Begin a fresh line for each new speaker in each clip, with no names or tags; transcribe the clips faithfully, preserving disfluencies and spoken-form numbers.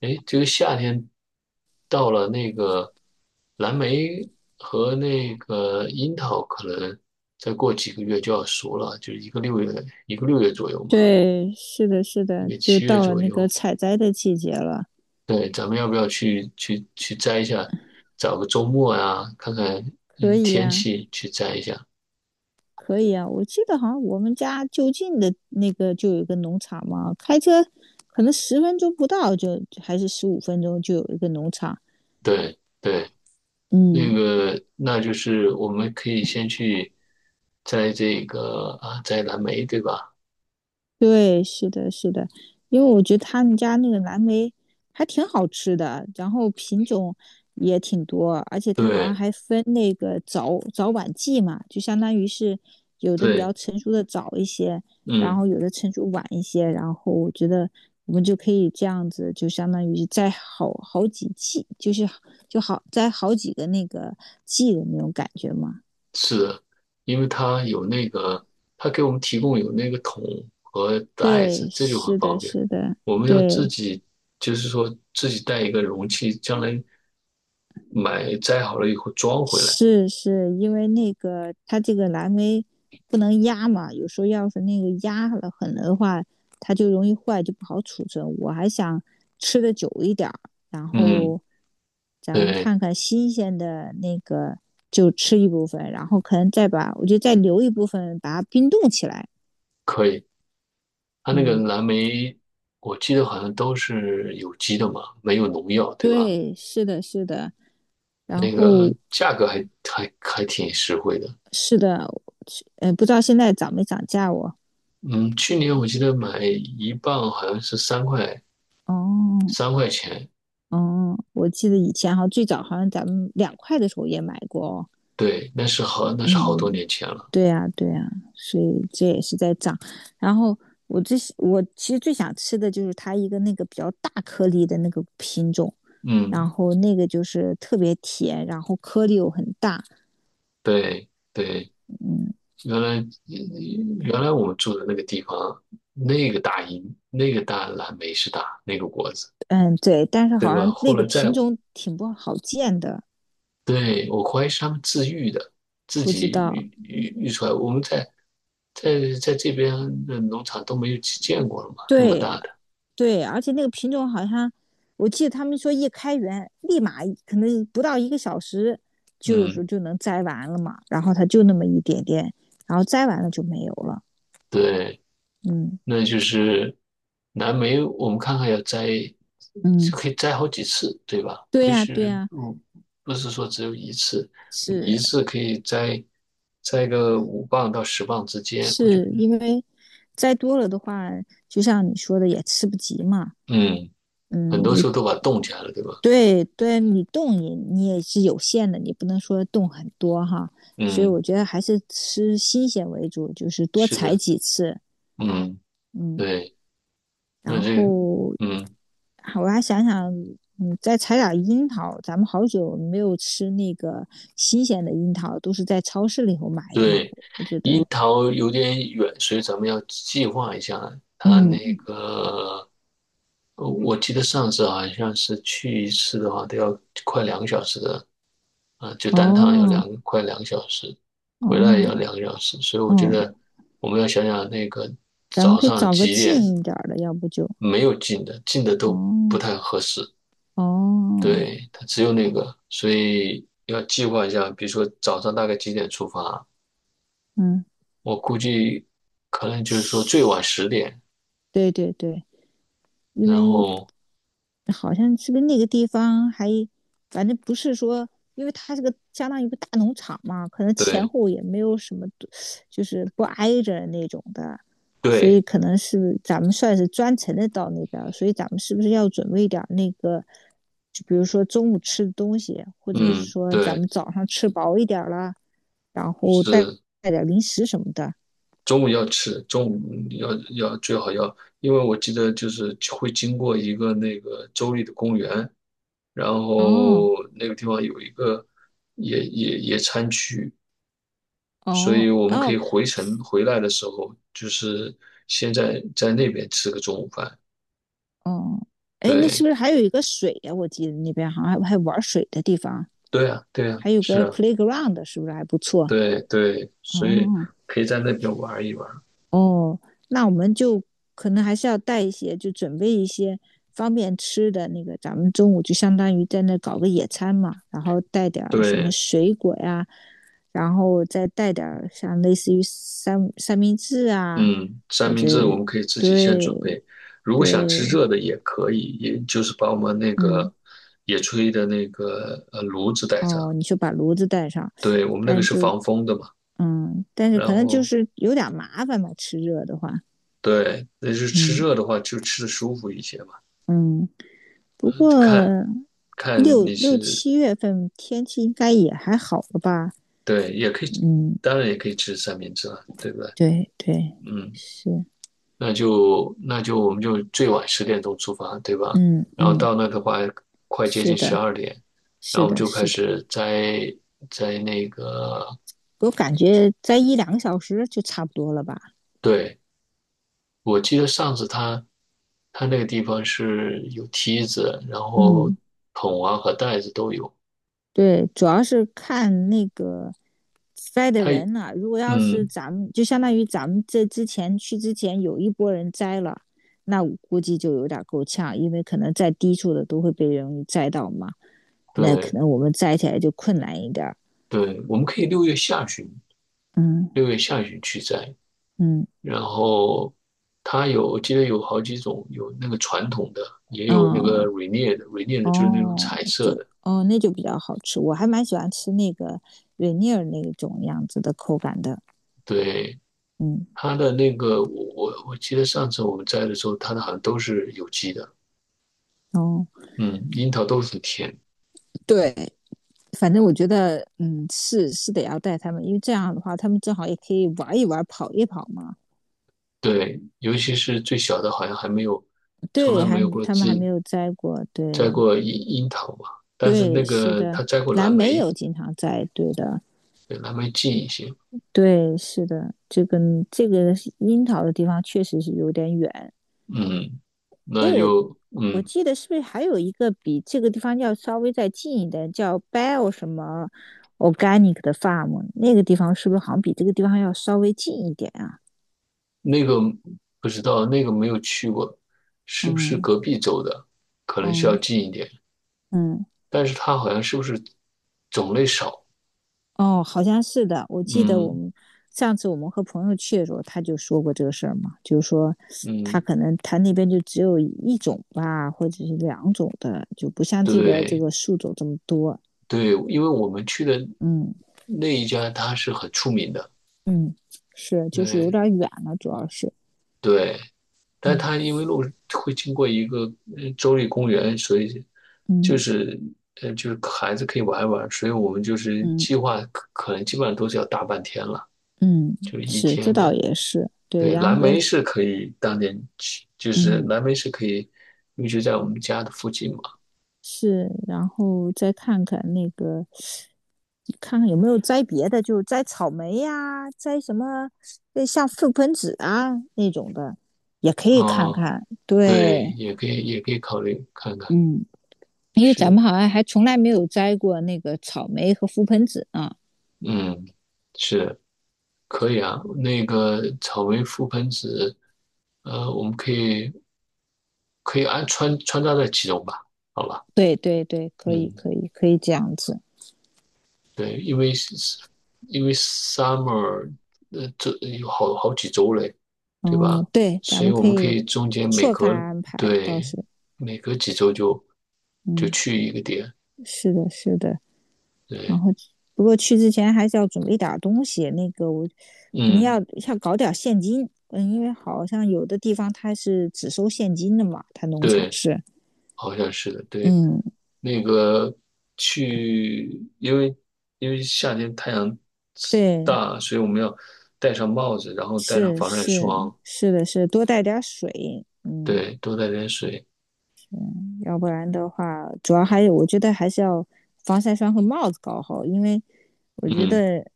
哎，这个夏天到了，那个蓝莓和那个樱桃可能再过几个月就要熟了，就是一个六月，一个六月左右嘛，
对，是的，是
因
的，
为
就
七月
到了
左
那个
右。
采摘的季节了，
对，咱们要不要去去去摘一下？找个周末啊，看看
可
嗯
以
天
呀，
气去摘一下。
可以呀。我记得好像我们家就近的那个就有一个农场嘛，开车可能十分钟不到就，就还是十五分钟就有一个农场。
对对，那
嗯，
个那就是我们可以先去摘这个啊，摘蓝莓，对吧？
对，是的，是的，因为我觉得他们家那个蓝莓还挺好吃的，然后品种也挺多，而且它好像
对
还分那个早早晚季嘛，就相当于是有的比较
对，
成熟的早一些，然
嗯。
后有的成熟晚一些，然后我觉得我们就可以这样子，就相当于摘好好几季，就是就好摘好几个那个季的那种感觉嘛。
是的，因为它有那个，它给我们提供有那个桶和袋
对，
子，这就很
是
方
的，
便。
是的，
我们要自
对。
己，就是说自己带一个容器，将来买摘好了以后装回来。
是是，因为那个它这个蓝莓不能压嘛，有时候要是那个压了狠了的话，它就容易坏，就不好储存。我还想吃的久一点儿，然
嗯，
后咱们
对，
看看新鲜的那个就吃一部分，然后可能再把我就再留一部分，把它冰冻起来。
可以。它那个
嗯，
蓝莓，我记得好像都是有机的嘛，没有农药，对吧？
对，是的，是的，然
那个
后
价格还还还挺实惠的。
是的，呃，不知道现在涨没涨价我。
嗯，去年我记得买一磅好像是三块
哦，
三块钱，
哦，我记得以前好像最早好像咱们两块的时候也买过哦。
对，那是好，那是好多
嗯，
年前了。
对呀，对呀，所以这也是在涨。然后我最喜我其实最想吃的就是它一个那个比较大颗粒的那个品种，
嗯，
然后那个就是特别甜，然后颗粒又很大。
对对，
嗯
原来原来我们住的那个地方，那个大樱，那个大蓝莓是大那个果子，
嗯，对，但是
对
好
吧？
像
后
那个
来在，
品种挺不好见的，
对，我怀疑是他们自育的，自
不知
己
道。
育育育出来。我们在在在这边的农场都没有见过了嘛，那么
对，
大的。
对，而且那个品种好像，我记得他们说一开园立马可能不到一个小时，就有时候
嗯，
就能摘完了嘛。然后它就那么一点点，然后摘完了就没有了。
对。
嗯
那就是蓝莓，我们看看要摘，
嗯，
就可以摘好几次，对吧？
对
不
呀，对
是，
呀，
不不是说只有一次，
是
一次可以摘摘个五磅到十磅之间，我觉得，
是因为摘多了的话，就像你说的也吃不及嘛。
嗯，很
嗯，
多时
你
候都把它冻起来了，对吧？
对对，你动你你也是有限的，你不能说动很多哈。所以
嗯，
我觉得还是吃新鲜为主，就是多
是
采
的，
几次，
嗯，
嗯。
对，那
然
这，
后，
嗯，
我还想想，嗯，再采点樱桃，咱们好久没有吃那个新鲜的樱桃，都是在超市里头买的嘛。
对，
我觉
樱
得，
桃有点远，所以咱们要计划一下它那
嗯，
个。呃，我记得上次好像是去一次的话，都要快两个小时的，啊、就单趟要
哦，
两快两个小时，回来也
哦，
要两个小时，所以我觉
哦，
得我们要想想那个
咱们
早
可以
上
找个
几点
近一点儿的，要不就，
没有进的，进的都不
哦，
太合适，
哦，
对，它只有那个，所以要计划一下，比如说早上大概几点出发，
嗯，
我估计可能就是说最晚
是，
十点，
对对对，因
然
为
后
好像是不是那个地方还，反正不是说，因为它这个相当于一个大农场嘛，可能前
对
后也没有什么，就是不挨着那种的，所以
对，
可能是咱们算是专程的到那边，所以咱们是不是要准备点那个，就比如说中午吃的东西，或者是
嗯
说咱
对。
们早上吃饱一点了，然后带
是，
带点零食什么的。
中午要吃，中午要要最好要，因为我记得就是会经过一个那个州立的公园，然
哦
后那个地方有一个野野野餐区，所
哦
以我们可
哦
以回程回来的时候，就是先在在那边吃个中午饭。
哦，哎，那是
对，
不是还有一个水呀？我记得那边好像还还玩水的地方。
对啊，对啊，
还有
是
个
啊，
playground 是不是还不错？
对对，所以
哦
可以在那边玩一玩。
哦，那我们就可能还是要带一些，就准备一些方便吃的那个。咱们中午就相当于在那搞个野餐嘛，然后带点什么
对。
水果呀，然后再带点像类似于三三明治啊，
嗯，三
或
明
者
治我们可以自己先准
对
备，如果想吃
对，
热的也可以，也就是把我们那个
嗯
野炊的那个呃炉子带上，
哦，你就把炉子带上，
对，我们那个
但
是
就
防风的嘛，
嗯，但是
然
可能就
后
是有点麻烦吧，吃热的话，
对，那就是吃
嗯
热的话就吃的舒服一些嘛，
嗯。不过
看看
六
你
六
是
七月份天气应该也还好了吧？
对，也可以，
嗯，
当然也可以吃三明治了，对不对？
对对，
嗯。
是，
那就那就我们就最晚十点钟出发，对吧？
嗯
然后
嗯，
到那的话，快接
是
近十
的，
二点，然后
是
我们
的，
就开
是的，
始摘摘那个。
我感觉在一两个小时就差不多了吧？
对，我记得上次他他那个地方是有梯子，然后
嗯，
桶啊和袋子都有。
对，主要是看那个栽的
他
人了、如果要是
嗯，
咱们，就相当于咱们这之前去之前有一波人栽了，那我估计就有点够呛，因为可能在低处的都会被容易栽到嘛。那可
对
能我们摘起来就困难一点儿。
对，我们可以六月下旬
嗯
六月下旬去摘。
嗯，
然后它有，我记得有好几种，有那个传统的，也有那个
哦
r a n i e 的 r a n i e 的就是那种
哦，
彩色
就
的。
哦，那就比较好吃。我还蛮喜欢吃那个瑞尼尔那种样子的口感的。
对，
嗯
它的那个，我我我记得上次我们摘的时候，它的好像都是有机的，
哦，
嗯，樱桃都很甜。
对，反正我觉得，嗯，是是得要带他们，因为这样的话，他们正好也可以玩一玩、跑一跑嘛。
对，尤其是最小的，好像还没有，从来
对，
没
还
有过
他们还
自
没有摘过。对
摘过樱樱桃嘛。但是那
对，是
个他
的，
摘过
蓝
蓝
莓
莓，
有经常摘，对的。
对，蓝莓近一些。
对，是的，这个这个樱桃的地方确实是有点远，
嗯，
哎，
那
我
就
我
嗯。
记得是不是还有一个比这个地方要稍微再近一点，叫 b e l l 什么 Organic 的 Farm，那个地方是不是好像比这个地方要稍微近一点啊？
那个不知道，那个没有去过，是不是
嗯
隔壁州的？可能需要
嗯
近一点，
嗯，
但是它好像是不是种类少？
哦，好像是的。我记得我
嗯
们上次我们和朋友去的时候，他就说过这个事儿嘛，就是说他
嗯，
可能他那边就只有一种吧，或者是两种的，就不像这边这
对
个树种这么多。
对，因为我们去的
嗯
那一家它是很出名的，
嗯，是，就是有
对
点儿远了，主要是，
对，但
嗯
它因为路会经过一个呃州立公园，所以就
嗯。
是呃就是孩子可以玩一玩，所以我们就是
嗯
计划可可能基本上都是要大半天了，
嗯，
就是一
是，这
天
倒
的。
也是，对，
对，
然
蓝
后再
莓是可以当年去，就是
嗯
蓝莓是可以一直在我们家的附近嘛。
是，然后再看看那个，看看有没有摘别的，就摘草莓呀、摘什么，呃像覆盆子啊那种的，也可以看
啊、
看。
对，
对，
也可以，也可以考虑看看。
嗯，因为咱
是，
们好像还从来没有摘过那个草莓和覆盆子啊。
嗯，是可以啊。那个草莓覆盆子，呃，我们可以可以安穿穿插在其中吧？好吧，
对对对，可以
嗯。
可以可以这样子。
对，因为是因为 summer 呃这有好好几周嘞，对吧？
哦，对，咱
所以
们
我
可
们可
以
以中间每
错开
隔
安排，倒
对
是，
每隔几周就就
嗯，
去一个点，
是的，是的。然
对，
后不过去之前还是要准备点东西，那个我可能
嗯，
要要搞点现金，嗯，因为好像有的地方它是只收现金的嘛，它农场
对，
是，
好像是的，对，
嗯，
那个去，因为因为夏天太阳
对，
大，所以我们要戴上帽子，然后戴上
是
防晒
是
霜，
是的是，多带点水，嗯，
对，多带点水，
要不然的话，主要还有我觉得还是要防晒霜和帽子搞好，因为我觉
嗯，
得。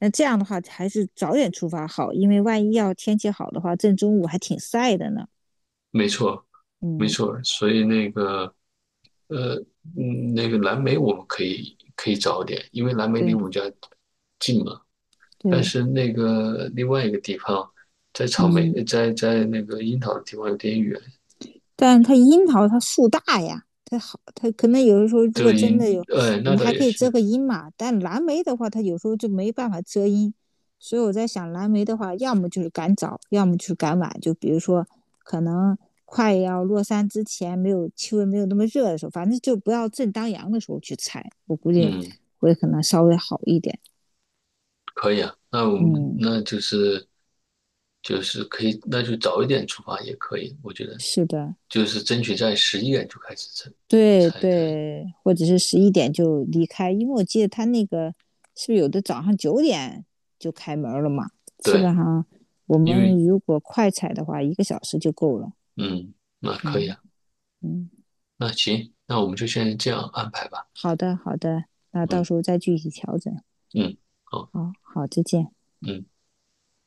那这样的话，还是早点出发好，因为万一要天气好的话，正中午还挺晒的呢。
没错。没
嗯，
错儿所以那个呃，嗯，那个蓝莓我们可以可以早点，因为蓝莓离
对
我们家近嘛。但
对，
是那个另外一个地方，在草莓，
嗯，
呃在在那个樱桃的地方有点远。
但它樱桃它树大呀，它好，它可能有的时候如
这
果真
樱，
的有，
哎，
我
那
们
倒
还
也
可以遮
是，
个阴嘛。但蓝莓的话，它有时候就没办法遮阴，所以我在想，蓝莓的话，要么就是赶早，要么就是赶晚。就比如说，可能快要落山之前，没有气温没有那么热的时候，反正就不要正当阳的时候去采，我估计
嗯，
会可能稍微好一点。
可以啊。那我们
嗯，
那就是就是可以，那就早一点出发也可以，我觉得
是的。
就是争取在十一点就开始
对
才才才
对，或者是十一点就离开，因为我记得他那个是不是有的早上九点就开门了嘛？基本
对，
上我
因为
们如果快踩的话，一个小时就够了。
嗯，那可以
嗯
啊。
嗯，
那行，那我们就先这样安排吧。
好的好的，那到
嗯
时候再具体调整。
嗯。好。
好好，再见。
嗯。